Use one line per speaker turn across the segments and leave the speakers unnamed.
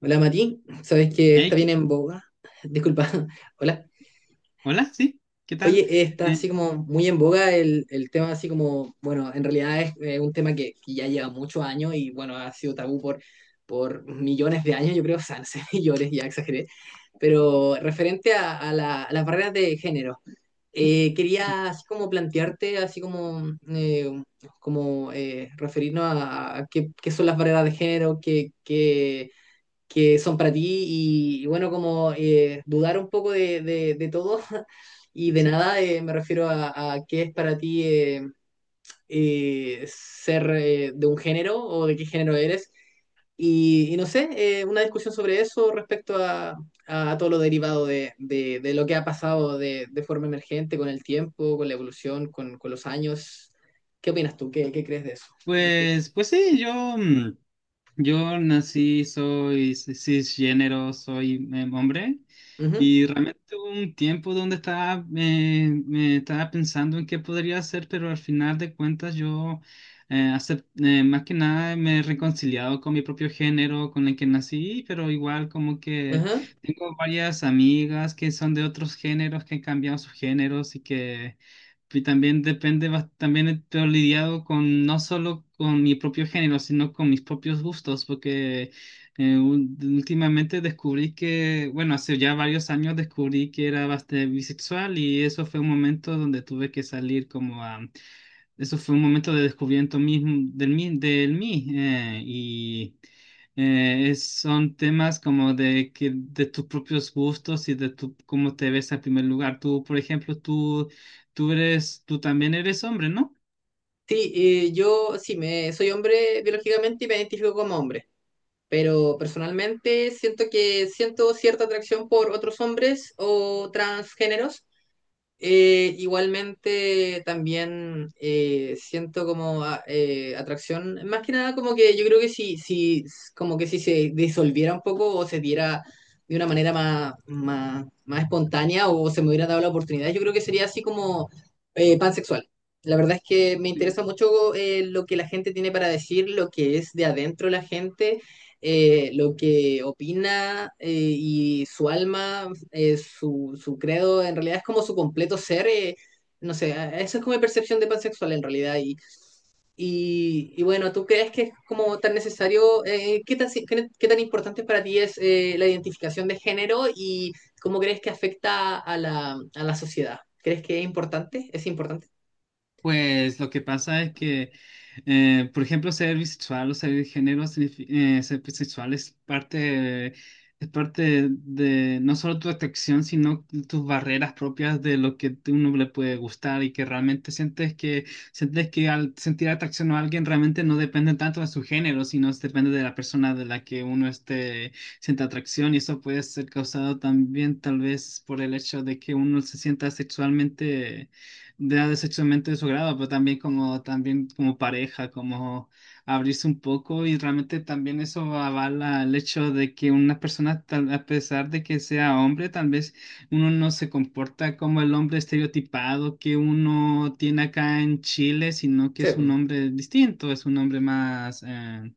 Hola Mati, sabes que está
Hey,
bien en boga. Disculpa, hola.
hola, sí, ¿qué tal?
Oye, está
Eh,
así como muy en boga el tema, así como, bueno, en realidad es un tema que ya lleva muchos años y bueno, ha sido tabú por millones de años, yo creo, o sea, no sé, millones, ya exageré, pero referente a, a las barreras de género,
ah,
quería así como plantearte, así como, referirnos a qué, qué son las barreras de género, que son para ti y bueno, como dudar un poco de todo y de
sí,
nada, me refiero a qué es para ti ser de un género o de qué género eres. Y no sé, una discusión sobre eso respecto a todo lo derivado de lo que ha pasado de forma emergente con el tiempo, con la evolución, con los años. ¿Qué opinas tú? ¿Qué crees de eso? ¿Qué-
pues sí, yo, yo nací, soy cisgénero, soy hombre.
Ujú,
Y realmente hubo un tiempo donde estaba, me estaba pensando en qué podría hacer, pero al final de cuentas yo, más que nada, me he reconciliado con mi propio género, con el que nací, pero igual como que
ajá.
tengo varias amigas que son de otros géneros, que han cambiado sus géneros. Y que y también depende, también estoy lidiado con no solo con mi propio género, sino con mis propios gustos, porque últimamente descubrí que, bueno, hace ya varios años descubrí que era bastante bisexual, y eso fue un momento donde tuve que salir como a, eso fue un momento de descubrimiento mismo del mí, del mí, y son temas como de que de tus propios gustos y de tu, cómo te ves en primer lugar. Tú, por ejemplo, tú eres, tú también eres hombre, ¿no?
Sí, yo sí, me, soy hombre biológicamente y me identifico como hombre, pero personalmente siento que siento cierta atracción por otros hombres o transgéneros, igualmente también siento como atracción, más que nada como que yo creo que como que si se disolviera un poco o se diera de una manera más espontánea o se me hubiera dado la oportunidad, yo creo que sería así como pansexual. La verdad es que me interesa mucho lo que la gente tiene para decir, lo que es de adentro la gente lo que opina y su alma, su credo, en realidad es como su completo ser. No sé, a- esa es como mi percepción de pansexual en realidad. Y bueno, ¿tú crees que es como tan necesario? ¿Qué tan, si- qué tan importante para ti es la identificación de género y cómo crees que afecta a a la sociedad? ¿Crees que es importante? ¿Es importante?
Pues lo que pasa es que, por ejemplo, ser bisexual o ser de género, ser bisexual es parte de no solo tu atracción, sino tus barreras propias de lo que uno le puede gustar, y que realmente sientes que al sentir atracción a alguien realmente no depende tanto de su género, sino depende de la persona de la que uno esté, sienta atracción. Y eso puede ser causado también tal vez por el hecho de que uno se sienta sexualmente de sexualmente de su grado, pero también como pareja, como abrirse un poco. Y realmente también eso avala el hecho de que una persona, a pesar de que sea hombre, tal vez uno no se comporta como el hombre estereotipado que uno tiene acá en Chile, sino que es un
Sí.
hombre distinto, es un hombre más...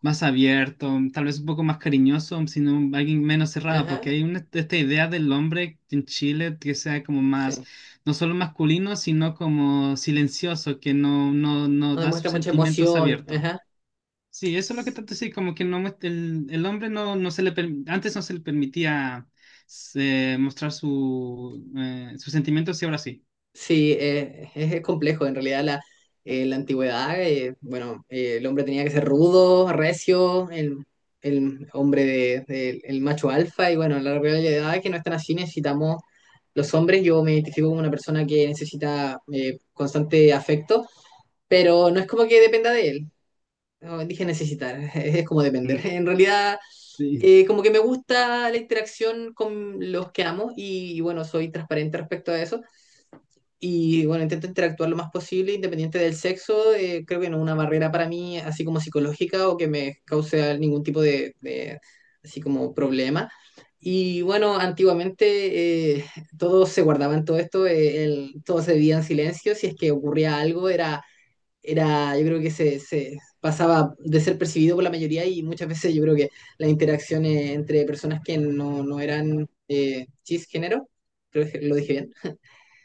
más abierto, tal vez un poco más cariñoso, sino alguien menos cerrado, porque
Ajá.
hay una, esta idea del hombre en Chile que sea como más,
Sí.
no solo masculino, sino como silencioso, que no
No
da sus
demuestra mucha
sentimientos
emoción.
abiertos.
Ajá.
Sí, eso es lo que trato de decir, como que no, el hombre no, no se le, antes no se le permitía mostrar su, sus sentimientos, y ahora sí.
Sí, es complejo. En realidad, la antigüedad, bueno, el hombre tenía que ser rudo, recio, el hombre de- el macho alfa, y bueno, la realidad es que no están así. Necesitamos los hombres. Yo me identifico como una persona que necesita constante afecto, pero no es como que dependa de él. No, dije necesitar, es como depender.
Ujú.
En realidad,
Sí,
como que me gusta la interacción con los que amo, y bueno, soy transparente respecto a eso. Y bueno, intento interactuar lo más posible, independiente del sexo. Creo que no es una barrera para mí, así como psicológica o que me cause ningún tipo de así como problema. Y bueno, antiguamente todo se guardaban todo esto, el- todo se vivía en silencio. Si es que ocurría algo, yo creo que se pasaba de ser percibido por la mayoría y muchas veces yo creo que las interacciones entre personas que no eran cisgénero, creo que lo dije bien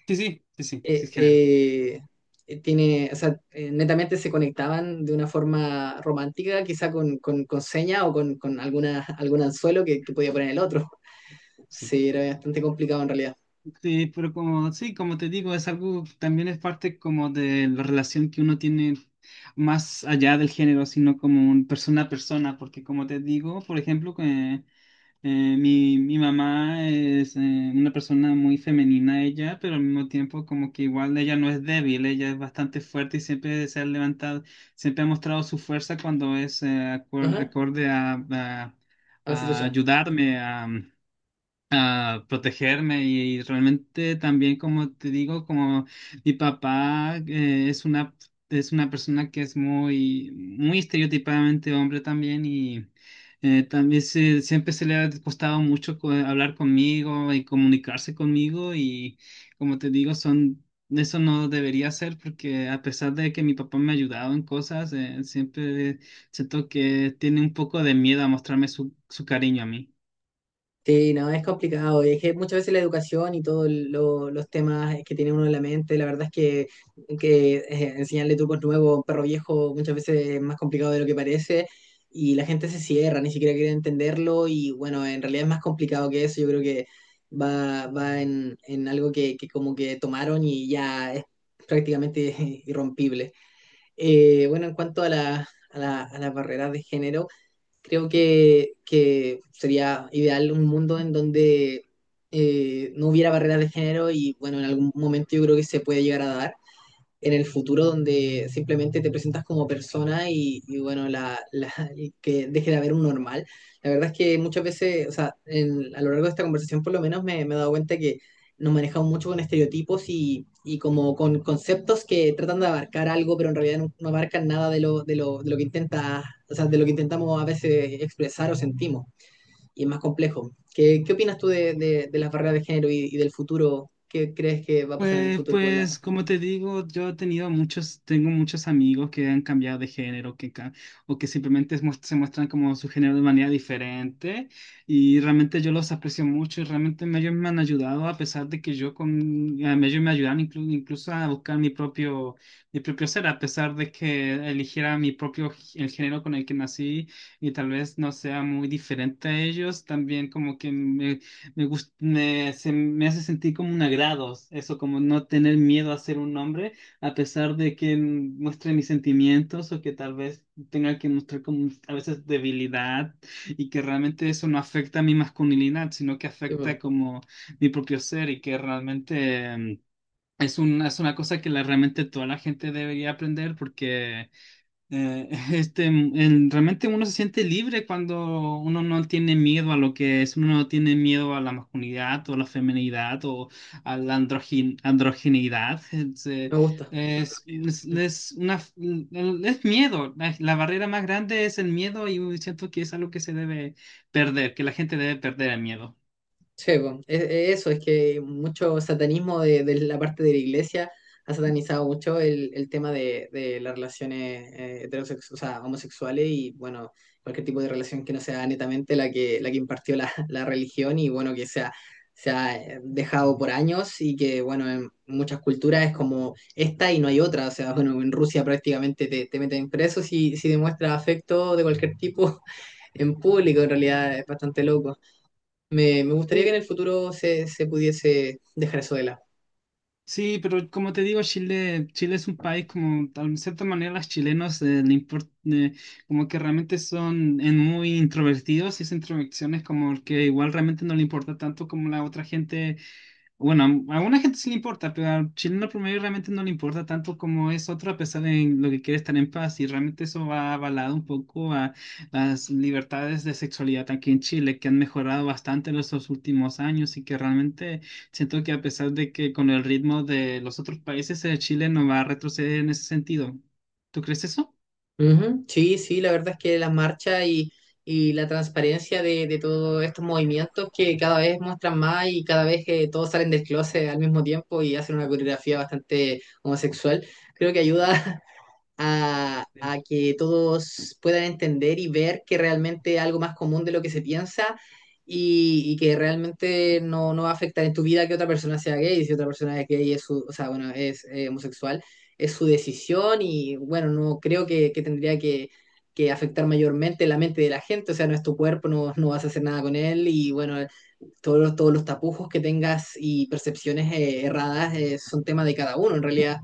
sí, sí, sí, sí, sí,
eh,
es género.
eh, tiene, o sea, netamente se conectaban de una forma romántica, quizá con seña o con alguna, algún anzuelo que podía poner el otro.
Sí.
Sí, era bastante complicado en realidad.
Sí, pero como, sí, como te digo, es algo, también es parte como de la relación que uno tiene más allá del género, sino como un persona a persona, porque como te digo, por ejemplo, que mi, mi mamá es una persona muy femenina ella, pero al mismo tiempo como que igual ella no es débil, ella es bastante fuerte y siempre se ha levantado, siempre ha mostrado su fuerza cuando es
Ajá,
acorde
a la
a
situación.
ayudarme, protegerme. Y realmente también como te digo como mi papá es una persona que es muy muy estereotipadamente hombre también. Y siempre se le ha costado mucho hablar conmigo y comunicarse conmigo. Y como te digo son, eso no debería ser porque a pesar de que mi papá me ha ayudado en cosas siempre siento que tiene un poco de miedo a mostrarme su, su cariño a mí.
Sí, no, es complicado. Es que muchas veces la educación y todos los temas que tiene uno en la mente, la verdad es que enseñarle trucos nuevos a un perro viejo muchas veces es más complicado de lo que parece y la gente se cierra, ni siquiera quiere entenderlo y bueno, en realidad es más complicado que eso. Yo creo que va en algo que como que tomaron y ya es prácticamente irrompible. Bueno, en cuanto a las barreras de género. Creo que sería ideal un mundo en donde no hubiera barreras de género y bueno, en algún momento yo creo que se puede llegar a dar en el futuro donde simplemente te presentas como persona y bueno, y que deje de haber un normal. La verdad es que muchas veces, o sea, en- a lo largo de esta conversación por lo menos me, me he dado cuenta que nos manejamos mucho con estereotipos y como con conceptos que tratan de abarcar algo, pero en realidad no, no abarcan nada de lo que intenta, o sea, de lo que intentamos a veces expresar o sentimos. Y es más complejo. ¿Qué opinas tú de las barreras de género y del futuro? ¿Qué crees que va a pasar en el
Pues,
futuro con las
pues,
barreras?
como te digo, yo he tenido muchos, tengo muchos amigos que han cambiado de género, o que simplemente es se muestran como su género de manera diferente, y realmente yo los aprecio mucho, y realmente ellos me han ayudado, a pesar de que yo con, a mí ellos me ayudaron incluso a buscar mi propio ser, a pesar de que eligiera mi propio, el género con el que nací, y tal vez no sea muy diferente a ellos, también como que se me hace sentir como un agrado, eso como no tener miedo a ser un hombre, a pesar de que muestre mis sentimientos o que tal vez tenga que mostrar como a veces debilidad, y que realmente eso no afecta a mi masculinidad, sino que afecta como mi propio ser. Y que realmente es un es una cosa que la, realmente toda la gente debería aprender porque este, realmente uno se siente libre cuando uno no tiene miedo a lo que es, uno no tiene miedo a la masculinidad o la feminidad o a la androgineidad.
Me gusta. Lo he traído.
Es una, es miedo. La barrera más grande es el miedo, y siento que es algo que se debe perder, que la gente debe perder el miedo.
Sí, po. E- e- eso es que mucho satanismo de la parte de la iglesia ha satanizado mucho el tema de las relaciones heterosexuales, o sea, homosexuales y bueno, cualquier tipo de relación que no sea netamente la que impartió la religión y bueno, que sea, se ha dejado por años y que bueno, en muchas culturas es como esta y no hay otra, o sea, bueno, en Rusia prácticamente te meten preso si demuestras afecto de cualquier tipo en público, en realidad es bastante loco. Me gustaría que en el futuro se pudiese dejar eso de lado.
Sí, pero como te digo, Chile, Chile es un país como, de cierta manera, los chilenos le import- como que realmente son en muy introvertidos, y esa introversión es como que igual realmente no le importa tanto como la otra gente. Bueno, a alguna gente sí le importa, pero al chileno promedio realmente no le importa tanto como es otro, a pesar de lo que quiere estar en paz. Y realmente eso va avalado un poco a las libertades de sexualidad aquí en Chile, que han mejorado bastante en estos últimos años, y que realmente siento que a pesar de que con el ritmo de los otros países, Chile no va a retroceder en ese sentido. ¿Tú crees eso?
Ujú, sí, sí, la verdad es que las marchas y la transparencia de todos estos movimientos que cada vez muestran más y cada vez que todos salen del closet al mismo tiempo y hacen una coreografía bastante homosexual, creo que ayuda a que todos puedan entender y ver que realmente es algo más común de lo que se piensa y que realmente no va a afectar en tu vida que otra persona sea gay. Si otra persona es gay, es su- o sea, bueno, es homosexual, es su decisión y bueno, no creo que tendría que afectar mayormente la mente de la gente, o sea, no es tu cuerpo, no vas a hacer nada con él y bueno, todos los tapujos que tengas y percepciones erradas son tema de cada uno, en realidad.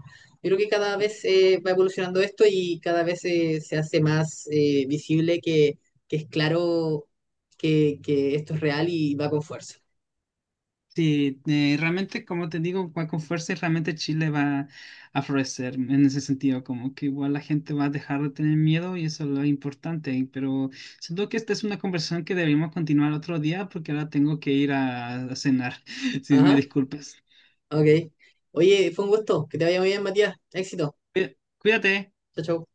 Yo creo que cada vez va evolucionando esto y cada vez se hace más visible que es claro que esto es real y va con fuerza.
Sí, realmente, como te digo, va con fuerza y realmente Chile va a florecer en ese sentido, como que igual la gente va a dejar de tener miedo y eso es lo importante, pero siento que esta es una conversación que deberíamos continuar otro día porque ahora tengo que ir a cenar, si me
Ajá,
disculpas.
ok. Oye, fue un gusto. Que te vaya muy bien, Matías. Éxito.
Cuídate.
Chao, chao.